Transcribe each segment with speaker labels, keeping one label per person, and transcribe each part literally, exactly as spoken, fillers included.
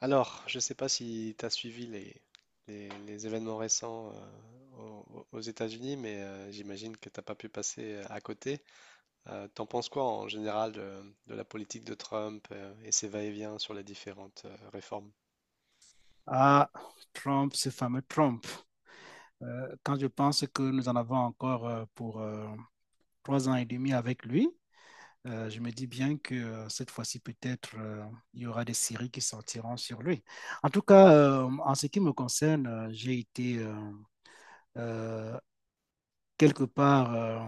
Speaker 1: Alors, je ne sais pas si tu as suivi les, les- les événements récents euh, au- aux, États-Unis, mais euh, j'imagine que tu n'as pas pu passer euh, à côté. Euh, t'en penses quoi en général de, de la politique de Trump euh, et ses va-et-vient sur les différentes euh, réformes?
Speaker 2: À Trump, ce fameux Trump. Euh, quand je pense que nous en avons encore euh, pour euh, trois ans et demi avec lui, euh, je me dis bien que euh, cette fois-ci, peut-être, euh, il y aura des séries qui sortiront sur lui. En tout cas, euh, en ce qui me concerne, euh, j'ai été euh, euh, quelque part euh,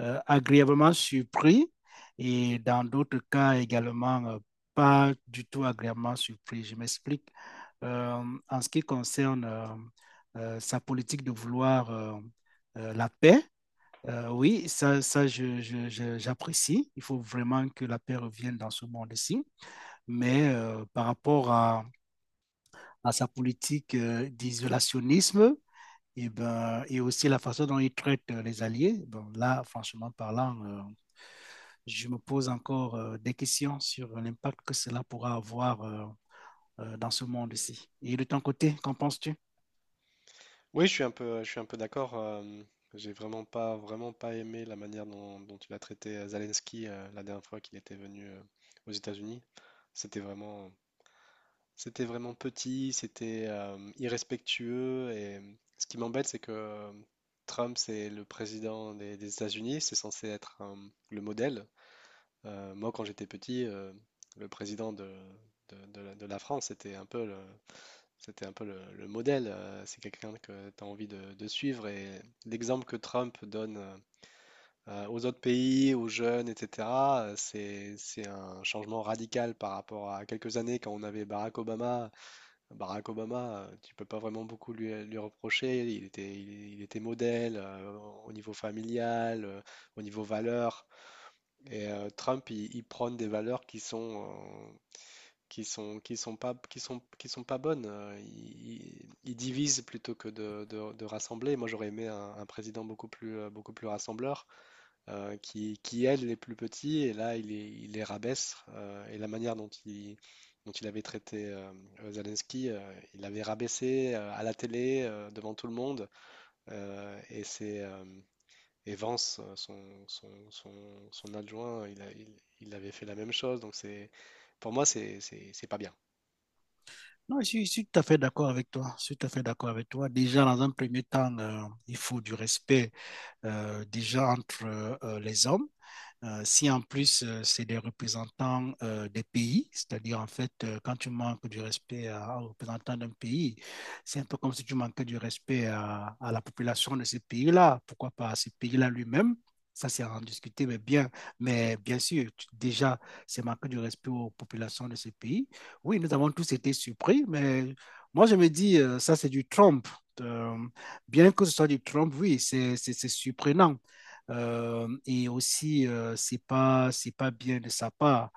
Speaker 2: euh, agréablement surpris, et dans d'autres cas également euh, pas du tout agréablement surpris. Je m'explique. Euh, en ce qui concerne euh, euh, sa politique de vouloir euh, euh, la paix, euh, oui, ça, ça je- je- je- j'apprécie. Il faut vraiment que la paix revienne dans ce monde-ci. Mais euh, par rapport à, à sa politique euh, d'isolationnisme, et, ben, et aussi la façon dont il traite euh, les alliés, bon, là, franchement parlant, euh, je me pose encore euh, des questions sur l'impact que cela pourra avoir euh, euh, dans ce monde-ci. Et de ton côté, qu'en penses-tu?
Speaker 1: Oui, je suis un peu, je suis un peu d'accord. euh, j'ai vraiment pas, vraiment pas aimé la manière dont, dont il a traité euh, Zelensky euh, la dernière fois qu'il était venu euh, aux États-Unis. C'était vraiment, C'était vraiment petit, c'était euh, irrespectueux et euh, ce qui m'embête, c'est que euh, Trump, c'est le président des, des États-Unis, c'est censé être euh, le modèle. Euh, moi, quand j'étais petit, euh, le président de, de- de la, de la France, c'était un peu le, c'était un peu le, le modèle. Euh, c'est quelqu'un que tu as envie de, de suivre et l'exemple que Trump donne euh, euh, aux autres pays, aux jeunes, et cætera, euh, c'est, c'est un changement radical par rapport à quelques années quand on avait Barack Obama. Barack Obama, euh, tu peux pas vraiment beaucoup lui, lui reprocher. Il était, il, il était modèle euh, au niveau familial, euh, au niveau valeurs. Et euh, Trump, il, il prône des valeurs qui sont, euh, qui sont, qui sont pas, qui sont, qui sont pas bonnes. Euh, Il, il- il divise plutôt que de, de- de rassembler. Moi, j'aurais aimé un, un président beaucoup plus, euh, beaucoup plus rassembleur euh, qui, qui aide les plus petits, et là, il les, il les rabaisse. Euh, et la manière dont il, dont il avait traité euh, Zelensky, euh, il l'avait rabaissé euh, à la télé, euh, devant tout le monde. euh, et c'est, euh, et Vance, euh, son, son, son, son adjoint, il, a- il, il avait fait la même chose. Donc, c'est, pour moi, c'est, c'est, c'est pas bien.
Speaker 2: Non, je suis, je suis tout à fait d'accord avec toi. Je suis tout à fait d'accord avec toi. Déjà, dans un premier temps, euh, il faut du respect euh, déjà entre euh, les hommes. Euh, si en plus, euh, c'est des représentants euh, des pays, c'est-à-dire en fait, euh, quand tu manques du respect à, aux représentants d'un pays, c'est un peu comme si tu manquais du respect à, à la population de ce pays-là, pourquoi pas à ce pays-là lui-même. Ça, c'est à en discuter, mais bien, mais bien sûr, tu- déjà, c'est manquer du respect aux populations de ce pays. Oui, nous avons tous été surpris, mais moi, je me dis, euh, ça, c'est du Trump. Euh, bien que ce soit du Trump, oui, c'est c'est- c'est surprenant. Euh, et aussi, euh, c'est pas, c'est pas bien de sa part.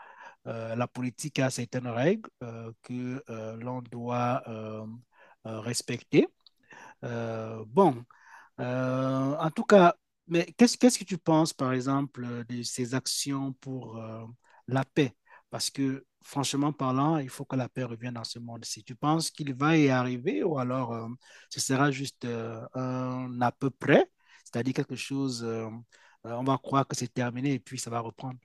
Speaker 2: Euh, la politique a certaines règles euh, que euh, l'on doit euh, euh, respecter. Euh, bon, euh, en tout cas, mais qu'est-ce qu'est-ce que tu penses, par exemple, euh, de ces actions pour euh, la paix? Parce que, franchement parlant, il faut que la paix revienne dans ce monde-ci. Tu penses qu'il va y arriver ou alors euh, ce sera juste euh, un à peu près, c'est-à-dire quelque chose, euh, euh, on va croire que c'est terminé et puis ça va reprendre.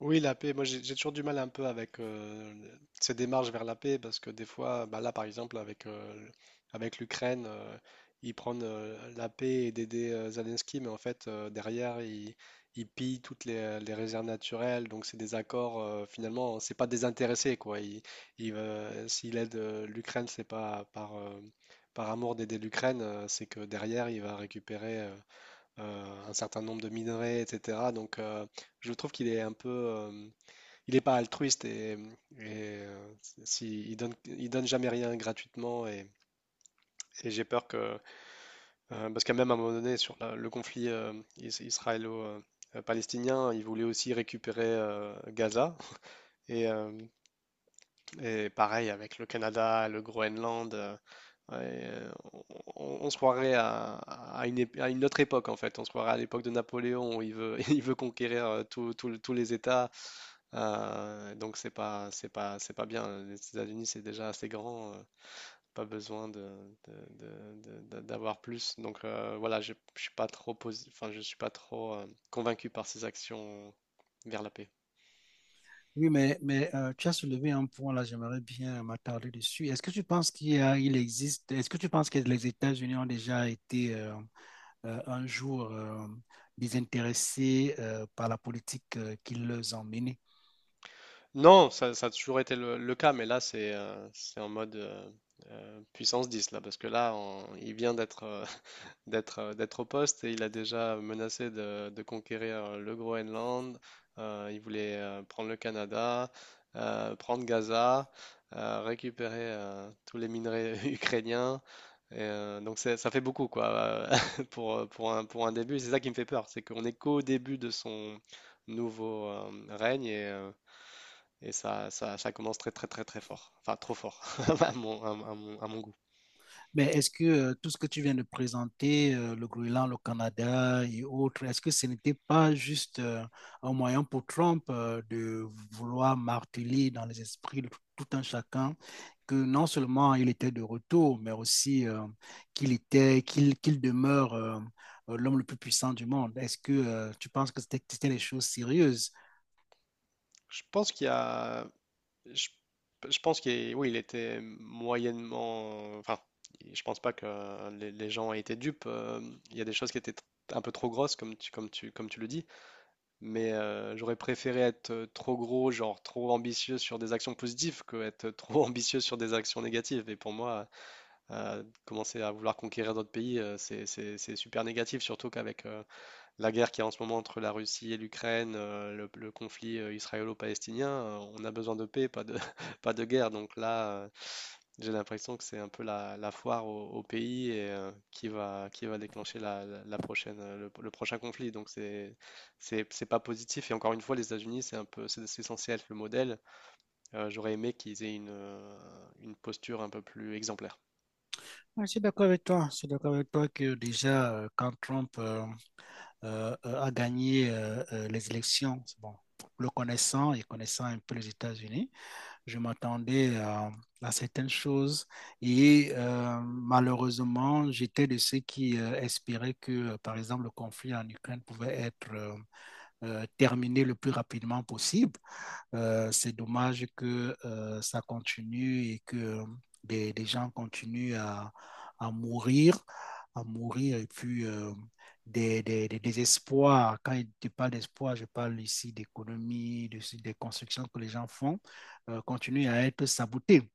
Speaker 1: Oui, la paix, moi j'ai j'ai toujours du mal un peu avec euh, ces démarches vers la paix parce que des fois, bah là par exemple avec, euh, le- avec l'Ukraine, euh, ils prennent euh, la paix et d'aider euh, Zelensky, mais en fait euh, derrière ils, ils pillent toutes les, les réserves naturelles, donc c'est des accords euh, finalement, c'est pas désintéressé quoi. Il, il, euh, s'il aide euh, l'Ukraine, c'est pas par, euh, par amour d'aider l'Ukraine, euh, c'est que derrière il va récupérer euh, euh, un certain nombre de minerais, et cætera. Donc, euh, je trouve qu'il est un peu, euh, il n'est pas altruiste et, et, euh, si, il donne, il donne jamais rien gratuitement et, et j'ai peur que, euh, parce qu'à même à un moment donné sur la- le conflit euh, is- israélo-palestinien, il voulait aussi récupérer euh, Gaza et euh, Et pareil avec le Canada, le Groenland, euh, ouais, euh, on, on se croirait à, à une, ép- à une autre époque en fait. On se croirait à l'époque de Napoléon où il veut, il veut conquérir euh, tout- tout le- tous les États. Euh, donc c'est pas, c'est pas, c'est pas bien. Les États-Unis c'est déjà assez grand. euh, pas besoin de, de- de- de- de- d'avoir plus. Donc euh, voilà, je, je suis pas trop posi- enfin, je suis pas trop euh, convaincu par ces actions vers la paix.
Speaker 2: Oui, mais, mais euh, tu as soulevé un point là, j'aimerais bien m'attarder dessus. Est-ce que tu penses qu'il y a- Il existe, est-ce que tu penses que les États-Unis ont déjà été euh, euh, un jour euh, désintéressés euh, par la politique euh, qui les emmène?
Speaker 1: Non, ça, ça a toujours été le, le cas, mais là, c'est euh, c'est en mode euh, euh, puissance dix là, parce que là, on- il vient d'être euh, d'être euh, d'être au poste et il a déjà menacé de, de conquérir euh, le Groenland. Euh, il voulait euh, prendre le Canada, euh, prendre Gaza, euh, récupérer euh, tous les minerais ukrainiens. Et, euh, donc, c'est- ça fait beaucoup, quoi, euh, pour, euh, pour un, pour un début. C'est ça qui me fait peur, c'est qu'on est qu'au début de son nouveau euh, règne. Et. euh, et ça, ça, ça commence très très très très fort. Enfin, trop fort, à mon, à mon- à mon- à mon goût.
Speaker 2: Mais est-ce que euh, tout ce que tu viens de présenter, euh, le Groenland, le Canada et autres, est-ce que ce n'était pas juste euh, un moyen pour Trump euh, de vouloir marteler dans les esprits de tout un chacun que non seulement il était de retour, mais aussi euh, qu'il était, qu'il qu demeure euh, euh, l'homme le plus puissant du monde. Est-ce que euh, tu penses que c'était c'était des choses sérieuses?
Speaker 1: Je pense qu'il y a... Je, je pense qu'il est- oui, il était moyennement... Enfin, je pense pas que les, les gens aient été dupes. euh, Il y a des choses qui étaient tr- un peu trop grosses, comme tu, comme tu, comme tu le dis. Mais euh, j'aurais préféré être euh, trop gros, genre trop ambitieux sur des actions positives, que être trop ambitieux sur des actions négatives. Et pour moi, euh, commencer à vouloir conquérir d'autres pays, euh, c'est, c'est- c'est super négatif, surtout qu'avec... euh, la guerre qu'il y a en ce moment entre la Russie et l'Ukraine, euh, le, le conflit euh, israélo-palestinien, euh, on a besoin de paix, pas de, pas de guerre. Donc là, euh, j'ai l'impression que c'est un peu la, la foire au, au pays et, euh, qui va, qui va déclencher la, la- la prochaine, euh, le, le prochain conflit. Donc c'est, c'est, c'est pas positif. Et encore une fois, les États-Unis, c'est un peu, c'est c'est censé être le modèle. Euh, j'aurais aimé qu'ils aient une, euh, une posture un peu plus exemplaire.
Speaker 2: Ouais, je suis d'accord avec toi. Je suis d'accord avec toi que déjà, euh, quand Trump euh, euh, euh, a gagné euh, euh, les élections, c'est bon, le connaissant et connaissant un peu les États-Unis, je m'attendais à, à, certaines choses, et euh, malheureusement, j'étais de ceux qui euh, espéraient que, euh, par exemple, le conflit en Ukraine pouvait être euh, euh, terminé le plus rapidement possible. Euh, C'est dommage que euh, ça continue et que euh, des, des gens continuent à, à, mourir, à mourir, et puis Euh, des, des, des, désespoirs. Quand je parle d'espoir, je parle ici d'économie, de, des constructions que les gens font euh, continue à être saboté.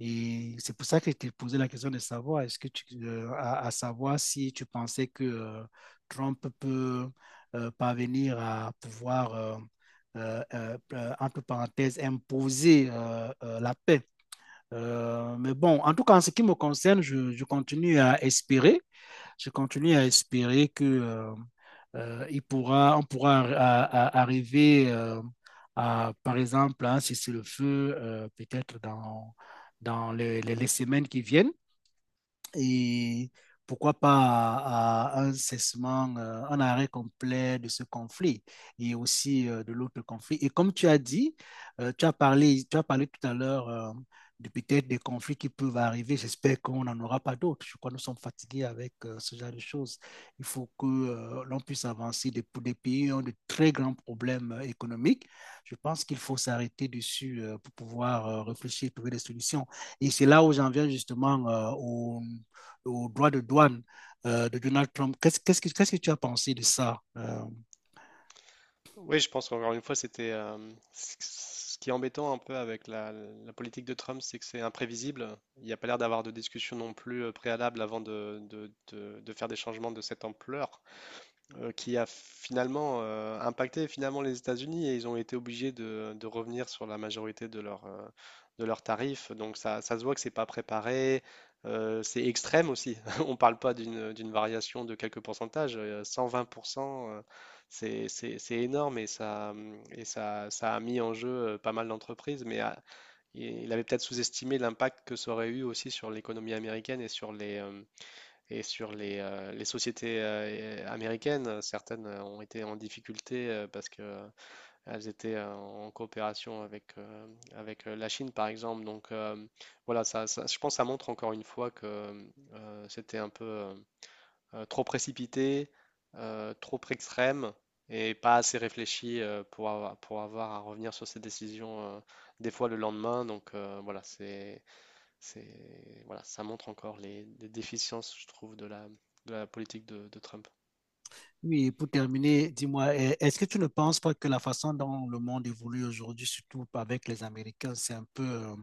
Speaker 2: Et c'est pour ça que je t'ai posé la question de savoir, est-ce que tu, euh, à, à savoir si tu pensais que euh, Trump peut euh, parvenir à pouvoir, euh, euh, euh, euh, entre parenthèses, imposer euh, euh, la paix. Euh, mais bon, en tout cas, en ce qui me concerne, je, je continue à espérer, je continue à espérer que euh, euh, il pourra, on pourra à- à- arriver, euh, à, par exemple, à un le feu euh, peut-être dans, dans les, les- les semaines qui viennent, et pourquoi pas à un cessement, euh, un arrêt complet de ce conflit, et aussi euh, de l'autre conflit. Et comme tu as dit, euh, tu as parlé, tu as parlé tout à l'heure euh, de peut-être des conflits qui peuvent arriver. J'espère qu'on n'en aura pas d'autres. Je crois que nous sommes fatigués avec euh, ce genre de choses. Il faut que euh, l'on puisse avancer. Des, des pays qui ont de très grands problèmes euh, économiques. Je pense qu'il faut s'arrêter dessus euh, pour pouvoir euh, réfléchir, trouver des solutions. Et c'est là où j'en viens justement euh, au au droit de douane euh, de Donald Trump. Qu'est-ce qu'est-ce que, qu'est-ce que tu as pensé de ça, euh,
Speaker 1: Oui, je pense qu'encore une fois, c'était euh, c- ce qui est embêtant un peu avec la, la politique de Trump, c'est que c'est imprévisible. Il n'y a pas l'air d'avoir de discussion non plus euh, préalable avant de, de- de- de faire des changements de cette ampleur euh, qui a finalement euh, impacté finalement les États-Unis et ils ont été obligés de, de revenir sur la majorité de leurs euh, de leurs tarifs. Donc ça, ça se voit que c'est pas préparé, euh, c'est extrême aussi. On parle pas d'une d'une variation de quelques pourcentages, euh, cent vingt pour cent, euh, c'est c'est c'est énorme et ça hum, et ça ça a mis en jeu euh, pas mal d'entreprises. Mais ah, il il avait peut-être sous-estimé l'impact que ça aurait eu aussi sur l'économie américaine et sur les euh, et sur les, euh, les sociétés euh, américaines, euh, certaines euh, ont été en difficulté euh, parce que euh, elles étaient euh, en coopération avec, euh, avec euh, la Chine, par exemple. Donc euh, voilà, ça, ça- je pense que ça montre encore une fois que euh, c'était un peu euh, euh, trop précipité, euh, trop extrême et pas assez réfléchi euh, pour avoir, pour avoir à revenir sur ces décisions euh, des fois le lendemain. Donc euh, voilà, c'est c'est, voilà, ça montre encore les, les déficiences, je trouve, de la, de la politique de, de Trump.
Speaker 2: Oui, pour terminer, dis-moi, est-ce que tu ne penses pas que la façon dont le monde évolue aujourd'hui, surtout avec les Américains, c'est un peu euh,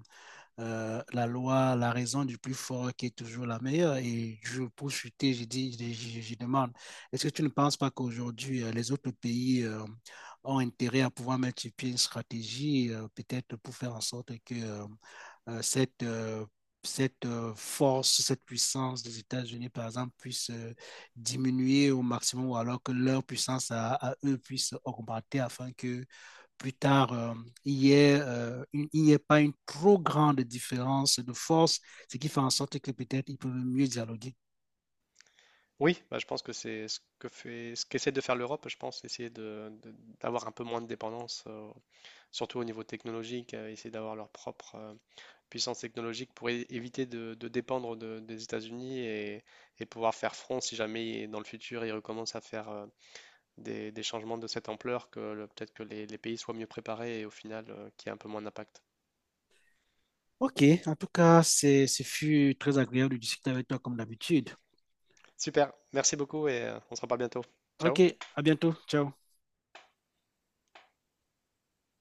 Speaker 2: euh, la loi, la raison du plus fort qui est toujours la meilleure? Et je, pour chuter, je, dis, je, je, demande, est-ce que tu ne penses pas qu'aujourd'hui, euh, les autres pays euh, ont intérêt à pouvoir mettre sur pied une stratégie, euh, peut-être pour faire en sorte que euh, euh, cette, euh, cette euh, force, cette puissance des États-Unis, par exemple, puisse euh, diminuer au maximum, ou alors que leur puissance à, à eux puisse augmenter afin que plus tard, euh, il n'y ait, euh, ait pas une trop grande différence de force, ce qui fait en sorte que peut-être ils peuvent mieux dialoguer.
Speaker 1: Oui, bah, je pense que c'est ce que fait, ce qu'essaie de faire l'Europe, je pense, essayer de, de- d'avoir un peu moins de dépendance, euh, surtout au niveau technologique, euh, essayer d'avoir leur propre euh, puissance technologique pour é- éviter de, de dépendre de- des États-Unis et, et pouvoir faire front si jamais dans le futur ils recommencent à faire euh, des, des changements de cette ampleur, que le- peut-être que les, les pays soient mieux préparés et au final qui qu'il y ait un peu moins d'impact.
Speaker 2: OK, en tout cas, c'est ce fut très agréable de discuter avec toi comme d'habitude.
Speaker 1: Super, merci beaucoup et euh, on se reparle bientôt.
Speaker 2: OK,
Speaker 1: Ciao.
Speaker 2: à bientôt. Ciao.